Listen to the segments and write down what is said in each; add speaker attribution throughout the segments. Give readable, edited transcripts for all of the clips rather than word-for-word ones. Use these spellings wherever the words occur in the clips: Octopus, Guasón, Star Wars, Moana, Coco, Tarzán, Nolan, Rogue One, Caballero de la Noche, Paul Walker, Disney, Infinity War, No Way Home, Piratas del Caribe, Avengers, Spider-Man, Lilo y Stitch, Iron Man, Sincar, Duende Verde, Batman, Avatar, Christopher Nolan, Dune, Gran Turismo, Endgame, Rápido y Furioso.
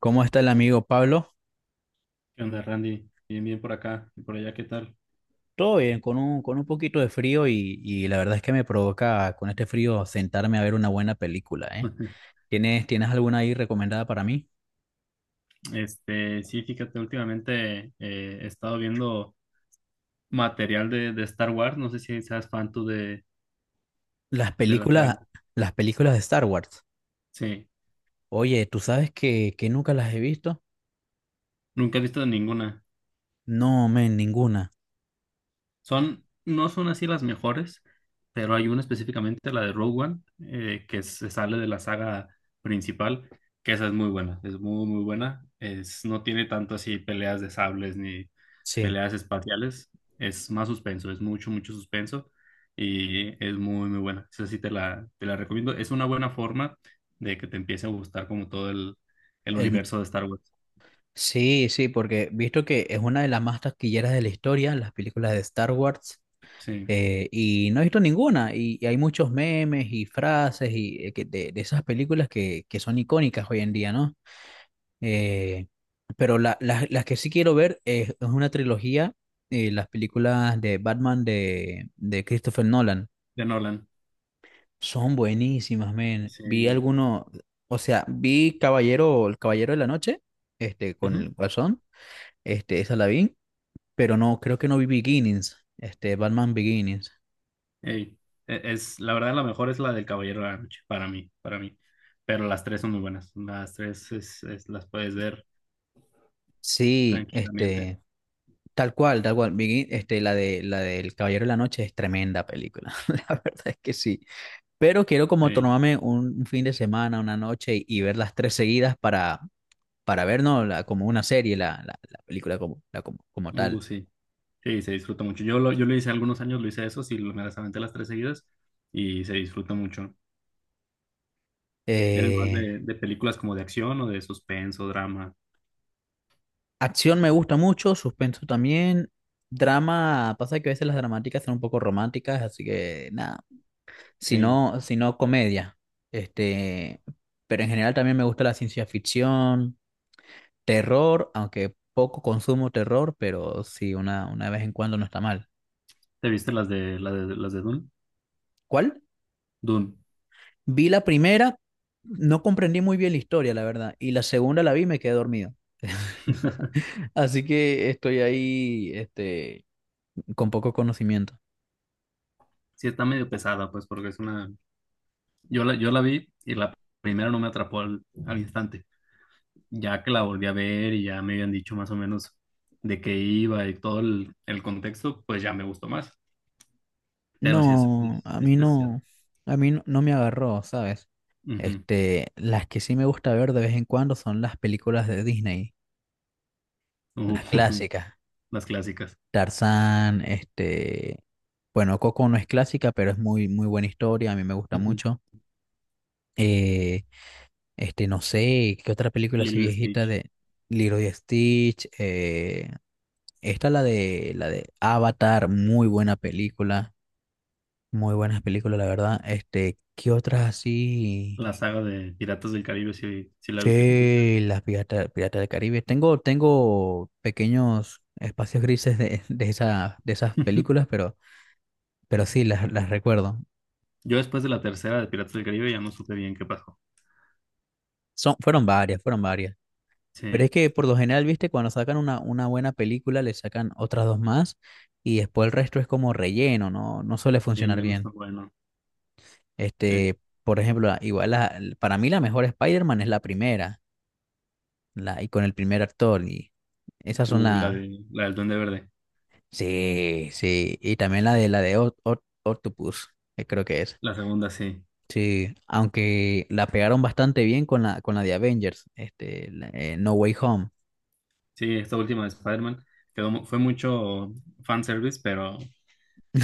Speaker 1: ¿Cómo está el amigo Pablo?
Speaker 2: ¿Qué onda, Randy? Bien, bien por acá y por allá, ¿qué tal?
Speaker 1: Todo bien, con con un poquito de frío y la verdad es que me provoca con este frío sentarme a ver una buena película, ¿eh? ¿ tienes alguna ahí recomendada para mí?
Speaker 2: Sí, fíjate, últimamente he estado viendo material de Star Wars. No sé si seas fan tú
Speaker 1: Las
Speaker 2: de la
Speaker 1: películas,
Speaker 2: saga.
Speaker 1: las películas de Star Wars.
Speaker 2: Sí,
Speaker 1: Oye, ¿tú sabes que nunca las he visto?
Speaker 2: nunca he visto ninguna.
Speaker 1: No, men, ninguna.
Speaker 2: Son, no son así las mejores, pero hay una específicamente, la de Rogue One, que se sale de la saga principal, que esa es muy buena, es muy, muy buena. Es, no tiene tanto así peleas de sables ni
Speaker 1: Sí.
Speaker 2: peleas espaciales, es más suspenso, es mucho, mucho suspenso y es muy, muy buena. Esa sí te la recomiendo. Es una buena forma de que te empiece a gustar como todo el
Speaker 1: El,
Speaker 2: universo de Star Wars,
Speaker 1: sí, sí, porque visto que es una de las más taquilleras de la historia, las películas de Star Wars.
Speaker 2: sí,
Speaker 1: Y no he visto ninguna, y hay muchos memes y frases y, de esas películas que son icónicas hoy en día, ¿no? Eh, las que sí quiero ver es una trilogía, las películas de Batman de Christopher Nolan.
Speaker 2: de Nolan,
Speaker 1: Son buenísimas, men. Vi
Speaker 2: sí.
Speaker 1: alguno, o sea, vi Caballero, El Caballero de la Noche, con
Speaker 2: Ujú.
Speaker 1: el Guasón, esa la vi, pero no, creo que no vi Beginnings, Batman Beginnings.
Speaker 2: Ey, es, la verdad, la mejor es la del Caballero de la Noche, para mí, para mí. Pero las tres son muy buenas. Las tres las puedes ver
Speaker 1: Sí,
Speaker 2: tranquilamente.
Speaker 1: tal cual, tal cual. La del Caballero de la Noche es tremenda película. La verdad es que sí. Pero quiero como
Speaker 2: Sí.
Speaker 1: tomarme un fin de semana, una noche y ver las tres seguidas para ver, ¿no? Como una serie, la película como tal.
Speaker 2: Sí. Sí, se disfruta mucho. Yo lo hice algunos años, lo hice eso, sí, me las aventé las tres seguidas y se disfruta mucho. ¿Eres más
Speaker 1: Eh,
Speaker 2: de películas como de acción o de suspenso, drama?
Speaker 1: Acción me gusta mucho, suspenso también. Drama, pasa que a veces las dramáticas son un poco románticas, así que nada. Si
Speaker 2: Sí.
Speaker 1: no, si no, comedia. Este, pero en general también me gusta la ciencia ficción. Terror, aunque poco consumo terror, pero sí, una vez en cuando no está mal.
Speaker 2: ¿Te viste las de Dune?
Speaker 1: ¿Cuál?
Speaker 2: Dune.
Speaker 1: Vi la primera, no comprendí muy bien la historia, la verdad, y la segunda la vi y me quedé dormido. Así que estoy ahí, con poco conocimiento.
Speaker 2: Sí, está medio pesada, pues, porque es una... yo la vi y la primera no me atrapó al instante. Ya que la volví a ver y ya me habían dicho más o menos de qué iba y todo el contexto, pues ya me gustó más. Pero sí
Speaker 1: No, a
Speaker 2: es
Speaker 1: mí
Speaker 2: pesado.
Speaker 1: no, a mí no, no me agarró, ¿sabes?
Speaker 2: Ujú.
Speaker 1: Las que sí me gusta ver de vez en cuando son las películas de Disney,
Speaker 2: Ujú.
Speaker 1: las clásicas.
Speaker 2: Las clásicas.
Speaker 1: Tarzán, bueno, Coco no es clásica, pero es muy, muy buena historia, a mí me gusta
Speaker 2: Ujú.
Speaker 1: mucho. Eh, no sé, ¿qué otra película así
Speaker 2: Lilo y
Speaker 1: viejita
Speaker 2: Stitch.
Speaker 1: de Lilo y Stitch? Esta la de Avatar, muy buena película, muy buenas películas, la verdad. ¿Qué otras así?
Speaker 2: La saga de Piratas del Caribe, si, si la viste completa.
Speaker 1: Che, las Pirata del Caribe. Tengo, tengo pequeños espacios grises de, de esas películas, pero sí, las recuerdo.
Speaker 2: Yo después de la tercera de Piratas del Caribe ya no supe bien qué pasó.
Speaker 1: Son, fueron varias, fueron varias. Pero es
Speaker 2: Sí,
Speaker 1: que por lo general, viste, cuando sacan una buena película, le sacan otras dos más y después el resto es como relleno, no, no suele
Speaker 2: sí,
Speaker 1: funcionar
Speaker 2: ya no está
Speaker 1: bien.
Speaker 2: bueno. Sí.
Speaker 1: Este, por ejemplo, para mí la mejor Spider-Man es la primera, la, y con el primer actor, y esas son las...
Speaker 2: La del Duende Verde.
Speaker 1: Sí, sí, y también la de Octopus, que creo que es.
Speaker 2: La segunda, sí.
Speaker 1: Sí, aunque la pegaron bastante bien con la de Avengers, No Way Home.
Speaker 2: Sí, esta última de Spider-Man quedó, fue mucho fanservice, pero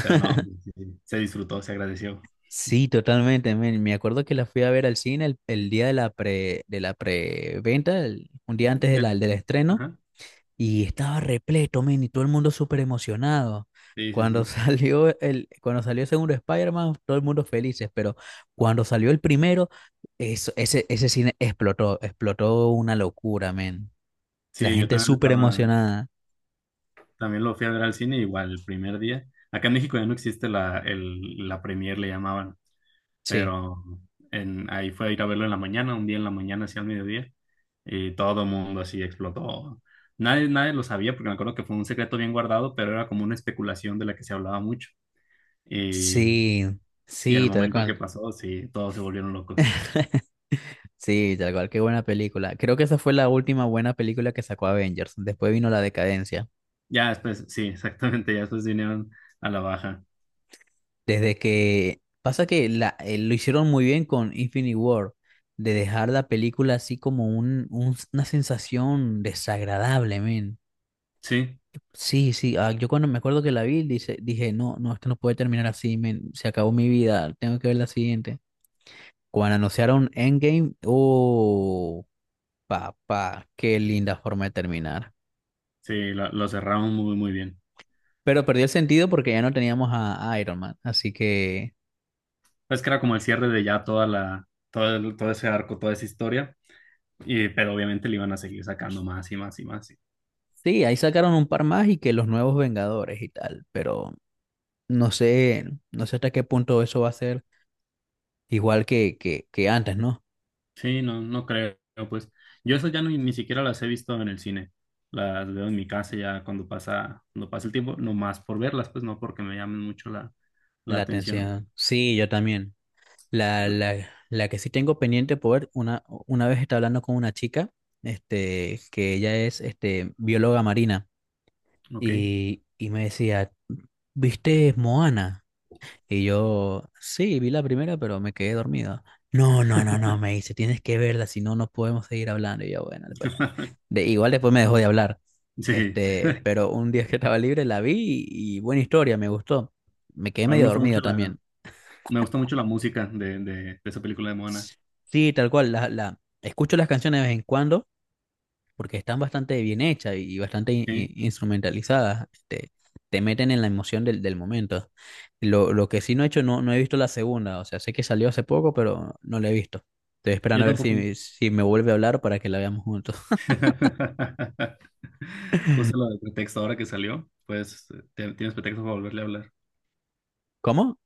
Speaker 2: Pero no, sí, sí, sí, se disfrutó, se agradeció.
Speaker 1: Sí, totalmente, men. Me acuerdo que la fui a ver al cine el día de de la preventa, un día antes de
Speaker 2: De-
Speaker 1: del estreno,
Speaker 2: ajá.
Speaker 1: y estaba repleto, men, y todo el mundo súper emocionado.
Speaker 2: Sí, sí,
Speaker 1: Cuando
Speaker 2: sí.
Speaker 1: cuando salió el segundo Spider-Man, todo el mundo felices, pero cuando salió el primero, ese cine explotó, explotó una locura, men. La
Speaker 2: Sí, yo
Speaker 1: gente
Speaker 2: también lo
Speaker 1: súper
Speaker 2: estaba,
Speaker 1: emocionada.
Speaker 2: también lo fui a ver al cine igual el primer día. Acá en México ya no existe la premier, le llamaban,
Speaker 1: Sí.
Speaker 2: pero en, ahí fue a ir a verlo en la mañana, un día en la mañana hacia el mediodía, y todo el mundo así explotó. Nadie, nadie lo sabía, porque me acuerdo que fue un secreto bien guardado, pero era como una especulación de la que se hablaba mucho. Y,
Speaker 1: Sí,
Speaker 2: y el
Speaker 1: sí, tal
Speaker 2: momento que
Speaker 1: cual.
Speaker 2: pasó, sí, todos se volvieron locos.
Speaker 1: Sí, tal cual, qué buena película. Creo que esa fue la última buena película que sacó Avengers. Después vino la decadencia.
Speaker 2: Ya después, sí, exactamente, ya después vinieron a la baja.
Speaker 1: Desde que pasa que lo hicieron muy bien con Infinity War, de dejar la película así como una sensación desagradable, men.
Speaker 2: Sí,
Speaker 1: Sí, sí, ah, yo cuando me acuerdo que la vi, dije, no, no, esto no puede terminar así, men. Se acabó mi vida, tengo que ver la siguiente. Cuando anunciaron Endgame, oh, papá, qué linda forma de terminar.
Speaker 2: sí, lo cerraron muy, muy bien.
Speaker 1: Pero perdió el sentido porque ya no teníamos a Iron Man. Así que
Speaker 2: Pues que era como el cierre de ya toda todo ese arco, toda esa historia, y, pero obviamente le iban a seguir sacando más y más y más. Sí,
Speaker 1: sí, ahí sacaron un par más y que los nuevos Vengadores y tal. Pero no sé, no sé hasta qué punto eso va a ser igual que antes, ¿no?
Speaker 2: sí, no, no creo, pues. Yo eso ya ni siquiera las he visto en el cine. Las veo en mi casa ya cuando pasa el tiempo, nomás por verlas, pues no porque me llamen mucho la
Speaker 1: La
Speaker 2: atención.
Speaker 1: atención. Sí, yo también. La que sí tengo pendiente poder, una vez estaba hablando con una chica, que ella es bióloga marina,
Speaker 2: Ok.
Speaker 1: y me decía, ¿viste Moana? Y yo, sí, vi la primera, pero me quedé dormido. No, no, no, no, me dice, tienes que verla, si no, no podemos seguir hablando. Y yo, bueno, después Igual después me dejó de hablar.
Speaker 2: Sí,
Speaker 1: Pero un día que estaba libre la vi y buena historia, me gustó. Me quedé
Speaker 2: a mí me
Speaker 1: medio
Speaker 2: gusta
Speaker 1: dormido
Speaker 2: mucho
Speaker 1: también.
Speaker 2: me gusta mucho la música de esa película de Moana.
Speaker 1: Sí, tal cual, escucho las canciones de vez en cuando porque están bastante bien hechas y bastante
Speaker 2: Sí,
Speaker 1: instrumentalizadas. Te meten en la emoción del, del momento. Lo que sí no he hecho, no, no he visto la segunda. O sea, sé que salió hace poco, pero no la he visto. Estoy
Speaker 2: yo
Speaker 1: esperando a ver
Speaker 2: tampoco.
Speaker 1: si, si me vuelve a hablar para que la veamos juntos.
Speaker 2: Usa la de pretexto ahora que salió, pues tienes pretexto para volverle a hablar.
Speaker 1: ¿Cómo?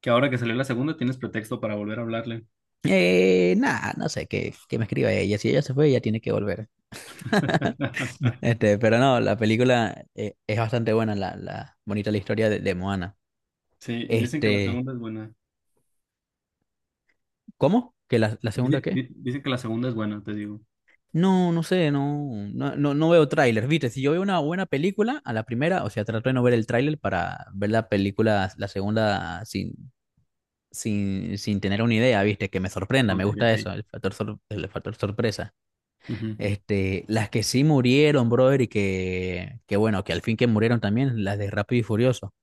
Speaker 2: Que ahora que salió la segunda, tienes pretexto para volver a hablarle.
Speaker 1: Nada, no sé, que me escriba ella. Si ella se fue, ella tiene que volver. Pero no, la película es bastante buena, la bonita la historia de Moana.
Speaker 2: Sí, y dicen que la
Speaker 1: Este,
Speaker 2: segunda es buena.
Speaker 1: ¿Cómo? ¿Que la segunda
Speaker 2: Dicen,
Speaker 1: qué?
Speaker 2: dicen que la segunda es buena, te digo.
Speaker 1: No, no sé, no, no, no, no veo tráiler, ¿viste? Si yo veo una buena película, a la primera, o sea, trato de no ver el tráiler para ver la película, la segunda, sin, sin, sin tener una idea, ¿viste? Que me sorprenda, me
Speaker 2: Ok,
Speaker 1: gusta
Speaker 2: ok.
Speaker 1: eso, el factor, el factor sorpresa.
Speaker 2: Ujú.
Speaker 1: Las que sí murieron, brother, y que bueno, que al fin que murieron también, las de Rápido y Furioso.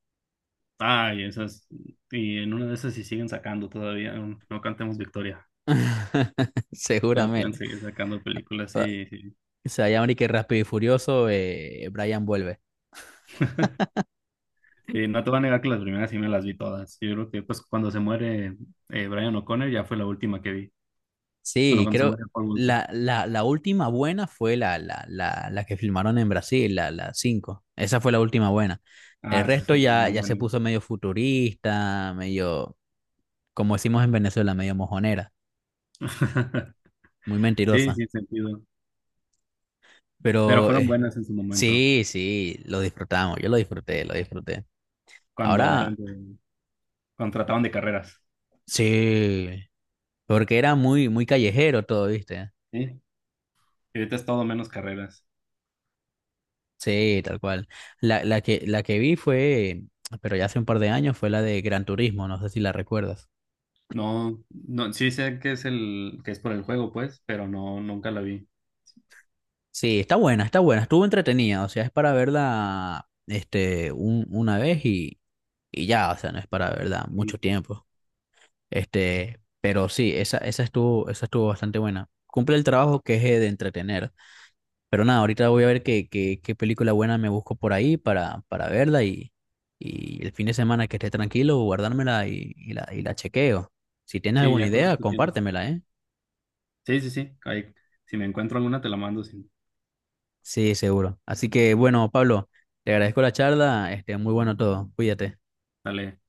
Speaker 2: Ay, esas. Y en una de esas, si siguen sacando todavía, no, no cantemos victoria. Pero pueden
Speaker 1: Seguramente.
Speaker 2: seguir sacando películas, sí,
Speaker 1: O sea, ya ahora que Rápido y Furioso, Brian vuelve.
Speaker 2: sí, no te voy a negar que las primeras sí me las vi todas. Yo creo que pues cuando se muere Brian O'Connor ya fue la última que vi. Bueno,
Speaker 1: Sí,
Speaker 2: cuando se muere
Speaker 1: creo
Speaker 2: Paul Walker.
Speaker 1: la última buena fue la que filmaron en Brasil, la 5. Esa fue la última buena. El
Speaker 2: Ah, esa es
Speaker 1: resto
Speaker 2: muy,
Speaker 1: ya,
Speaker 2: muy
Speaker 1: ya se
Speaker 2: bueno.
Speaker 1: puso medio futurista, medio, como decimos en Venezuela, medio mojonera, muy
Speaker 2: Sí,
Speaker 1: mentirosa.
Speaker 2: sin sentido. Pero
Speaker 1: Pero
Speaker 2: fueron buenas en su momento,
Speaker 1: sí, sí, lo disfrutamos, yo lo disfruté, lo disfruté.
Speaker 2: cuando eran
Speaker 1: Ahora,
Speaker 2: de, cuando trataban de carreras.
Speaker 1: sí, porque era muy, muy callejero todo, ¿viste?
Speaker 2: Sí. Y ahorita es todo menos carreras.
Speaker 1: Sí, tal cual. La que vi fue, pero ya hace un par de años, fue la de Gran Turismo, no sé si la recuerdas.
Speaker 2: No, no, sí sé que es el, que es por el juego, pues, pero no, nunca la vi.
Speaker 1: Sí, está buena, estuvo entretenida, o sea, es para verla una vez y ya, o sea, no es para verla mucho
Speaker 2: Y
Speaker 1: tiempo. Pero sí, esa, esa estuvo bastante buena. Cumple el trabajo que es de entretener. Pero nada, ahorita voy a ver qué, qué, qué película buena me busco por ahí para verla y el fin de semana que esté tranquilo, guardármela y la chequeo. Si tienes
Speaker 2: sí,
Speaker 1: alguna
Speaker 2: ya con
Speaker 1: idea,
Speaker 2: esto tiene.
Speaker 1: compártemela, ¿eh?
Speaker 2: Sí, sí, sí. Ahí, si me encuentro alguna, te la mando. Sí.
Speaker 1: Sí, seguro. Así que bueno, Pablo, te agradezco la charla, muy bueno todo. Cuídate.
Speaker 2: Dale.